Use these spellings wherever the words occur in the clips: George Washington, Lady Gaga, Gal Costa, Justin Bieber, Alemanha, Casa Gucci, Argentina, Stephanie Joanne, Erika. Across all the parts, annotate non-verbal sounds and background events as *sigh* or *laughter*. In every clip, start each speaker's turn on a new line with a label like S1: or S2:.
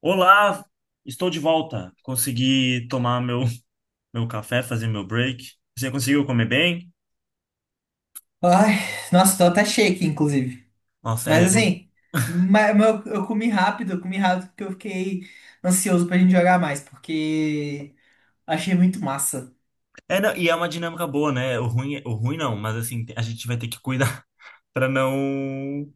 S1: Olá, estou de volta. Consegui tomar meu café, fazer meu break. Você conseguiu comer bem?
S2: Ai, nossa, tô até cheio aqui, inclusive.
S1: Nossa,
S2: Mas
S1: é, eu...
S2: assim,
S1: *laughs*
S2: eu comi rápido porque eu fiquei ansioso pra gente jogar mais, porque achei muito massa.
S1: É, não, e é uma dinâmica boa, né? O ruim não, mas assim, a gente vai ter que cuidar *laughs* para não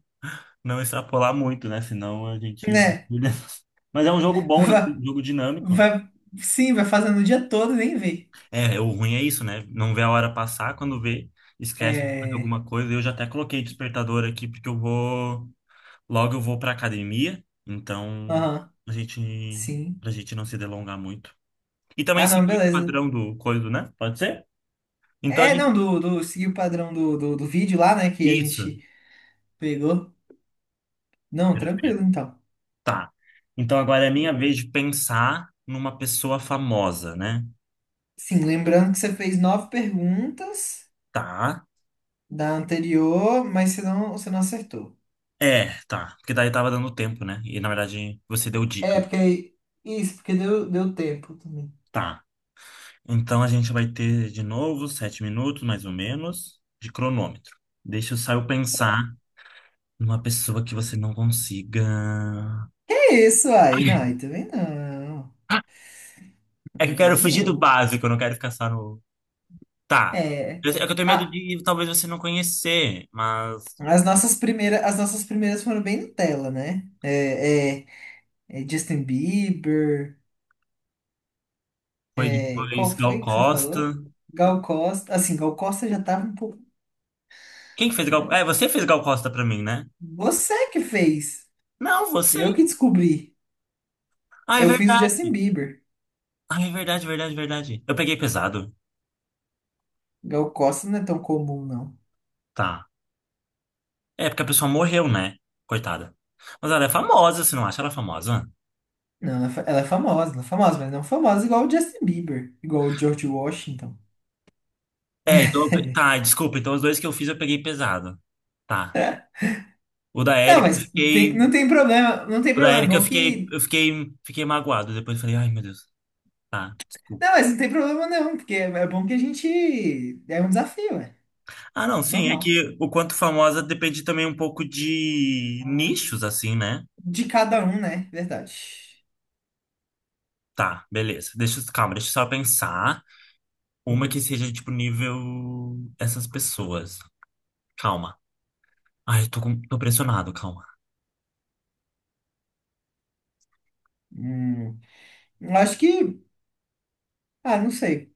S1: não extrapolar muito, né? Senão a gente.
S2: Né?
S1: *laughs* Mas é um jogo bom, né? Um jogo dinâmico.
S2: Vai, sim, vai fazendo o dia todo, e nem vê.
S1: É, o ruim é isso, né? Não vê a hora passar, quando vê, esquece de fazer
S2: É.
S1: alguma coisa. Eu já até coloquei despertador aqui, porque eu vou. Logo eu vou para academia, então
S2: Aham,
S1: a gente
S2: sim.
S1: pra gente não se delongar muito. E também
S2: Ah, não,
S1: seguir o
S2: beleza.
S1: padrão do coisa, né? Pode ser? Então a
S2: É, não,
S1: gente
S2: do seguir o padrão do vídeo lá, né, que a
S1: isso,
S2: gente pegou. Não,
S1: perfeito.
S2: tranquilo, então.
S1: Tá. Então agora é minha vez de pensar numa pessoa famosa, né?
S2: Sim, lembrando que você fez nove perguntas
S1: Tá.
S2: da anterior, mas você não acertou.
S1: É, tá. Porque daí tava dando tempo, né? E na verdade você deu dica.
S2: É, porque. Aí. isso, porque deu tempo também.
S1: Tá. Então a gente vai ter de novo 7 minutos, mais ou menos, de cronômetro. Deixa eu só eu pensar numa pessoa que você não consiga.
S2: É isso aí? Não,
S1: *laughs*
S2: aí também não. Aí
S1: É que eu quero
S2: também
S1: fugir do
S2: não.
S1: básico, eu não quero ficar só no. Tá.
S2: É.
S1: É que eu tenho medo
S2: Ah,
S1: de talvez você não conhecer, mas
S2: as nossas primeiras foram bem Nutella, né? É Justin Bieber.
S1: foi
S2: É, qual
S1: depois Gal
S2: foi que você
S1: Costa.
S2: falou? Gal Costa. Assim, Gal Costa já tava um pouco,
S1: Quem que fez Gal...
S2: mas
S1: É, você fez Gal Costa pra mim, né?
S2: você que fez.
S1: Não, você.
S2: Eu que descobri.
S1: Ah, é
S2: Eu fiz o Justin
S1: verdade.
S2: Bieber.
S1: Ah, é verdade, verdade, verdade. Eu peguei pesado.
S2: Gal Costa não é tão comum, não.
S1: Tá. É, porque a pessoa morreu, né? Coitada. Mas ela é famosa, você não acha ela famosa?
S2: Não, ela é famosa, mas não famosa igual o Justin Bieber, igual o George Washington.
S1: É, então, tá,
S2: *laughs*
S1: desculpa. Então os dois que eu fiz eu peguei pesado. Tá. O da
S2: Não,
S1: Erika eu
S2: mas
S1: fiquei.
S2: não tem
S1: O da
S2: problema, é
S1: Erika eu
S2: bom
S1: fiquei.
S2: que...
S1: Eu fiquei. Fiquei magoado. Depois eu falei, ai meu Deus. Ah, desculpa.
S2: Não, mas não tem problema não, porque é bom que... a gente... É um desafio, é
S1: Ah, não, sim, é
S2: normal.
S1: que o quanto famosa depende também um pouco de nichos, assim, né?
S2: De cada um, né? Verdade.
S1: Tá, beleza. Calma, deixa eu só pensar. Uma que
S2: Uhum.
S1: seja, tipo, nível essas pessoas. Calma. Ai, eu tô pressionado, calma.
S2: Hum, eu acho que... Ah, não sei.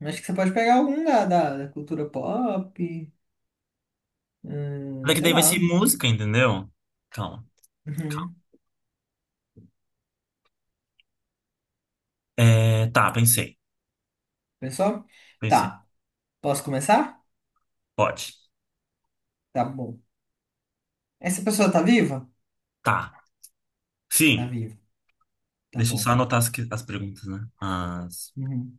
S2: Eu acho que você pode pegar algum da, da cultura pop,
S1: Daqui
S2: sei
S1: daí vai ser
S2: lá.
S1: música, entendeu? Calma,
S2: Uhum.
S1: é, tá, pensei.
S2: Pensou?
S1: Pensei.
S2: Tá, posso começar?
S1: Pode.
S2: Tá bom. Essa pessoa tá viva?
S1: Tá.
S2: Tá
S1: Sim.
S2: viva. Tá
S1: Deixa eu
S2: bom.
S1: só anotar as perguntas, né? As...
S2: Uhum.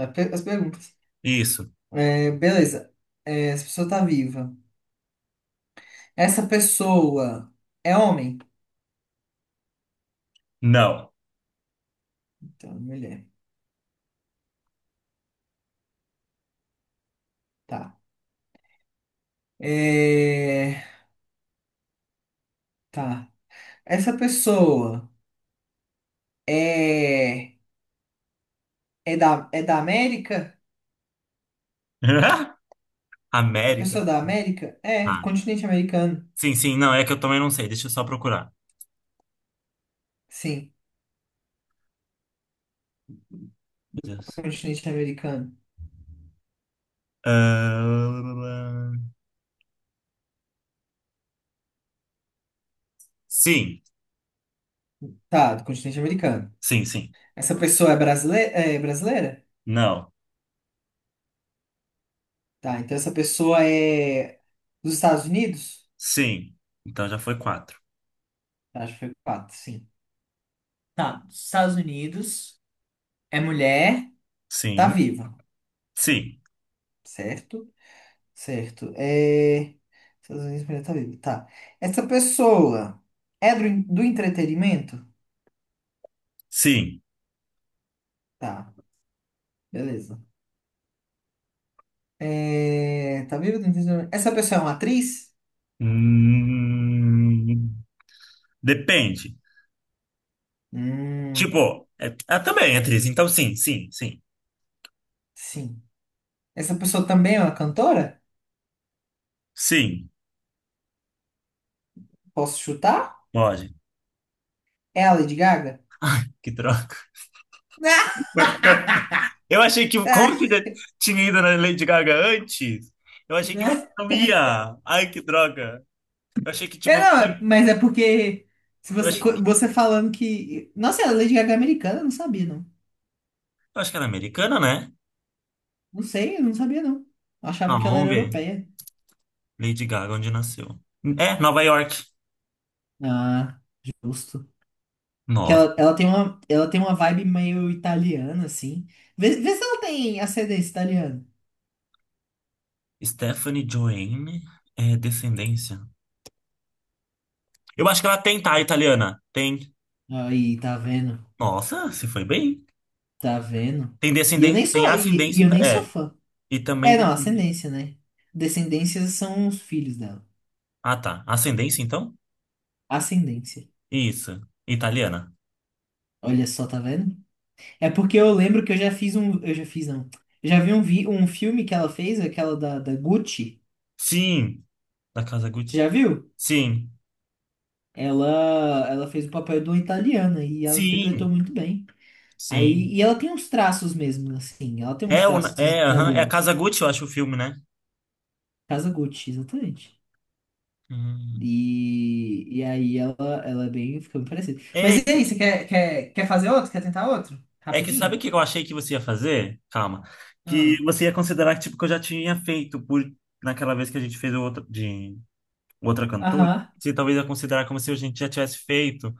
S2: É, as perguntas.
S1: Isso.
S2: É, beleza. É, essa pessoa tá viva. Essa pessoa é homem?
S1: Não.
S2: Então, é mulher. Tá. É, tá. Essa pessoa é, é da América?
S1: *laughs*
S2: É
S1: América.
S2: pessoa da América? É,
S1: Ah,
S2: continente americano.
S1: sim, sim, não, é que eu também não sei. Deixa eu só procurar.
S2: Sim,
S1: Meu Deus.
S2: continente americano.
S1: Ah, sim,
S2: Tá, do continente americano.
S1: sim, sim.
S2: Essa pessoa é brasileira? É brasileira?
S1: Não.
S2: Tá, então essa pessoa é dos Estados Unidos?
S1: Sim. Então já foi quatro.
S2: Acho que foi quatro, sim. Tá, Estados Unidos, é mulher, tá
S1: Sim,
S2: viva,
S1: sim,
S2: certo? Certo. É... Estados Unidos, mulher tá viva. Tá. Essa pessoa é do entretenimento?
S1: sim.
S2: Tá, beleza. É... Tá viva do entretenimento. Essa pessoa é uma atriz?
S1: Hum, depende.
S2: Hum,
S1: Tipo, é, ah, também é atriz. Então sim, sim, sim.
S2: sim. Essa pessoa também é uma cantora?
S1: Sim,
S2: Posso chutar?
S1: pode.
S2: É a Lady Gaga?
S1: Que troca.
S2: *laughs*
S1: *laughs* Eu achei que, como você
S2: Ah,
S1: já tinha ido na Lady Gaga antes, eu achei que você
S2: né?
S1: não ia. Ai, que droga. Eu achei que,
S2: É,
S1: tipo,
S2: não, mas é porque se
S1: eu
S2: você,
S1: achei
S2: co- você falando que. Nossa, a Lady Gaga é americana, eu não sabia, não.
S1: eu acho que era americana, né?
S2: Não sei, eu não sabia não. Eu achava
S1: Ah,
S2: que ela
S1: vamos
S2: era
S1: ver.
S2: europeia.
S1: Lady Gaga, onde nasceu? É, Nova York.
S2: Ah, justo. Que
S1: Nossa.
S2: ela tem uma vibe meio italiana, assim. Vê se ela tem ascendência italiana.
S1: Stephanie Joanne é descendência. Eu acho que ela tem, tá, italiana? Tem.
S2: Aí, tá vendo?
S1: Nossa, se foi bem.
S2: Tá vendo?
S1: Tem
S2: E eu
S1: descendência,
S2: nem
S1: tem
S2: sou, e
S1: ascendência,
S2: eu nem sou
S1: é.
S2: fã.
S1: E também
S2: É, não,
S1: descendência.
S2: ascendência, né? Descendências são os filhos dela.
S1: Ah, tá. Ascendência, então?
S2: Ascendência.
S1: Isso. Italiana.
S2: Olha só, tá vendo? É porque eu lembro que eu já fiz um, eu já fiz não. Eu já vi um filme que ela fez, aquela da, da Gucci.
S1: Sim. Da Casa
S2: Você
S1: Gucci.
S2: já viu?
S1: Sim.
S2: Ela fez o papel de uma italiana e ela interpretou
S1: Sim.
S2: muito bem. Aí,
S1: Sim.
S2: e ela tem uns traços mesmo, assim, ela tem uns
S1: É,
S2: traços
S1: é, aham. É a
S2: italianos.
S1: Casa Gucci, eu acho, o filme, né?
S2: Casa Gucci, exatamente.
S1: Hum.
S2: E aí ela fica bem parecida. Mas
S1: É
S2: e aí, você quer fazer outro? Quer tentar outro?
S1: É que sabe o
S2: Rapidinho?
S1: que eu achei que você ia fazer? Calma. Que
S2: Ah,
S1: você ia considerar que, tipo, que eu já tinha feito por naquela vez que a gente fez o outro, de outra cantora.
S2: aham.
S1: Você talvez ia considerar como se a gente já tivesse feito.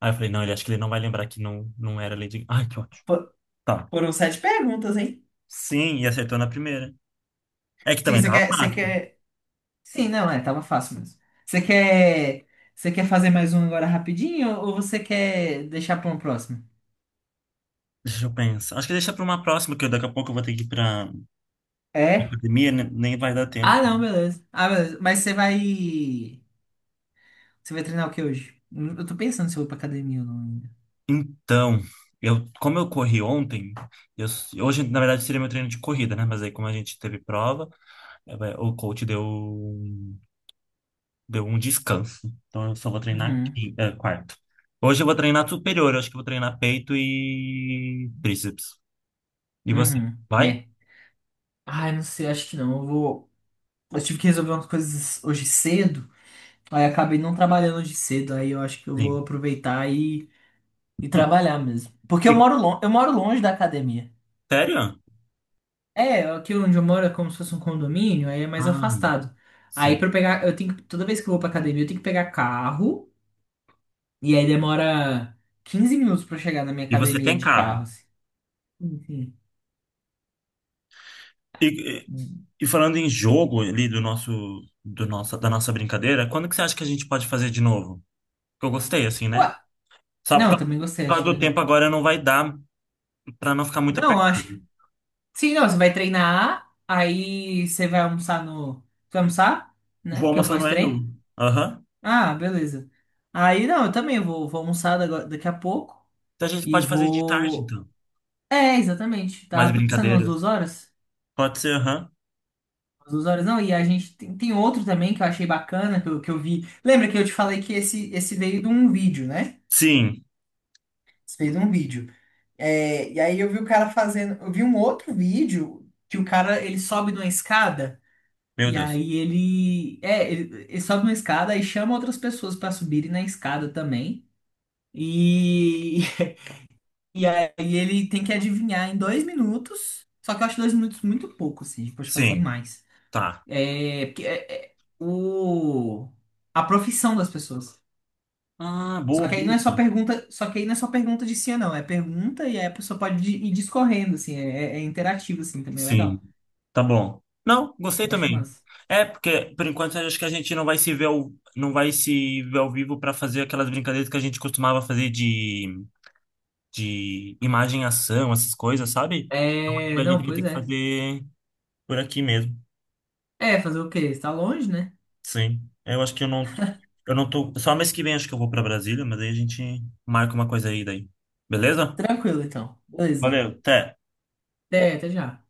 S1: Aí eu falei, não, ele acho que ele não vai lembrar que não, não era Lady Gaga. Ai, que ótimo.
S2: Fo-
S1: Tá.
S2: Foram sete perguntas, hein?
S1: Sim, e acertou na primeira. É que
S2: Sim,
S1: também
S2: você
S1: tava
S2: quer, você
S1: fácil.
S2: quer... Sim, não, é, tava fácil mesmo. Você quer, você quer fazer mais um agora rapidinho ou você quer deixar para um próximo?
S1: Deixa eu pensar. Acho que deixa pra uma próxima, que eu daqui a pouco eu vou ter que ir pra
S2: É?
S1: academia, né? Nem vai dar tempo.
S2: Ah, não, beleza. Ah, beleza. Mas você vai. Você vai treinar o que hoje? Eu tô pensando se eu vou pra academia ou não ainda.
S1: Então, eu, como eu corri ontem, eu, hoje na verdade seria meu treino de corrida, né? Mas aí como a gente teve prova, o coach deu, deu um descanso. Então eu só vou treinar
S2: Uhum,
S1: quarto. Hoje eu vou treinar superior, eu acho que eu vou treinar peito e tríceps. E você?
S2: uhum.
S1: Vai?
S2: É. Ai, não sei, acho que não. Eu vou. Eu tive que resolver umas coisas hoje cedo. Aí acabei não trabalhando hoje cedo. Aí eu acho que eu vou
S1: Sim.
S2: aproveitar e trabalhar mesmo. Porque eu
S1: E-
S2: moro longe da academia.
S1: Sério?
S2: É, aqui onde eu moro é como se fosse um condomínio, aí é mais
S1: Ah,
S2: afastado. Aí
S1: sim.
S2: pra eu pegar. Eu tenho que... Toda vez que eu vou pra academia, eu tenho que pegar carro. E aí demora 15 minutos pra chegar na minha
S1: E você
S2: academia
S1: tem
S2: de carro,
S1: carro?
S2: assim. Enfim.
S1: E, e- e falando em jogo ali do nosso, do nossa, da nossa brincadeira, quando que você acha que a gente pode fazer de novo? Que eu gostei, assim, né?
S2: Ué,
S1: Só por
S2: não,
S1: causa
S2: também
S1: por
S2: gostei,
S1: causa
S2: achei
S1: do
S2: legal.
S1: tempo agora não vai dar pra não ficar muito
S2: Não, acho que.
S1: apertado.
S2: Sim, não, você vai treinar, aí você vai almoçar no. Você vai almoçar, né?
S1: Vou
S2: Que é o
S1: almoçar no RU.
S2: pós-treino.
S1: Aham.
S2: Ah, beleza. Aí não, eu também vou almoçar daqui a pouco.
S1: Então a gente
S2: E
S1: pode fazer de tarde,
S2: vou.
S1: então.
S2: É, exatamente.
S1: Mais
S2: Tava pensando umas
S1: brincadeiras.
S2: 2 horas.
S1: Pode ser, aham.
S2: Umas duas horas, não. E a gente tem outro também que eu achei bacana, que eu vi. Lembra que eu te falei que esse veio de um vídeo, né?
S1: Sim.
S2: Fez um vídeo. É, e aí eu vi o cara fazendo, eu vi um outro vídeo que o cara ele sobe numa escada
S1: Meu
S2: e
S1: Deus.
S2: aí ele sobe numa escada e chama outras pessoas pra subirem na escada também. E *laughs* e aí ele tem que adivinhar em 2 minutos. Só que eu acho 2 minutos muito pouco, assim, a gente pode fazer em
S1: Sim.
S2: mais.
S1: Tá.
S2: É, porque é, é, o a profissão das pessoas.
S1: Ah,
S2: Só
S1: boa,
S2: que aí não
S1: boa.
S2: é só pergunta, só que aí não é só pergunta de sim ou não, é pergunta e aí a pessoa pode ir discorrendo, assim, é interativo, assim, também é
S1: Sim.
S2: legal.
S1: Tá bom. Não, gostei
S2: Eu acho
S1: também.
S2: massa.
S1: É, porque por enquanto eu acho que a gente não vai se ver ao vivo pra fazer aquelas brincadeiras que a gente costumava fazer de imagem e ação, essas coisas, sabe? Então,
S2: É,
S1: a
S2: não,
S1: gente vai ter
S2: pois
S1: que
S2: é.
S1: fazer por aqui mesmo.
S2: É, fazer o quê? Está longe, né?
S1: Sim. Eu acho que eu não. Eu não tô. Só mês que vem acho que eu vou pra Brasília, mas aí a gente marca uma coisa aí daí. Beleza?
S2: Tranquilo, então. Beleza.
S1: Valeu, até.
S2: É, até já.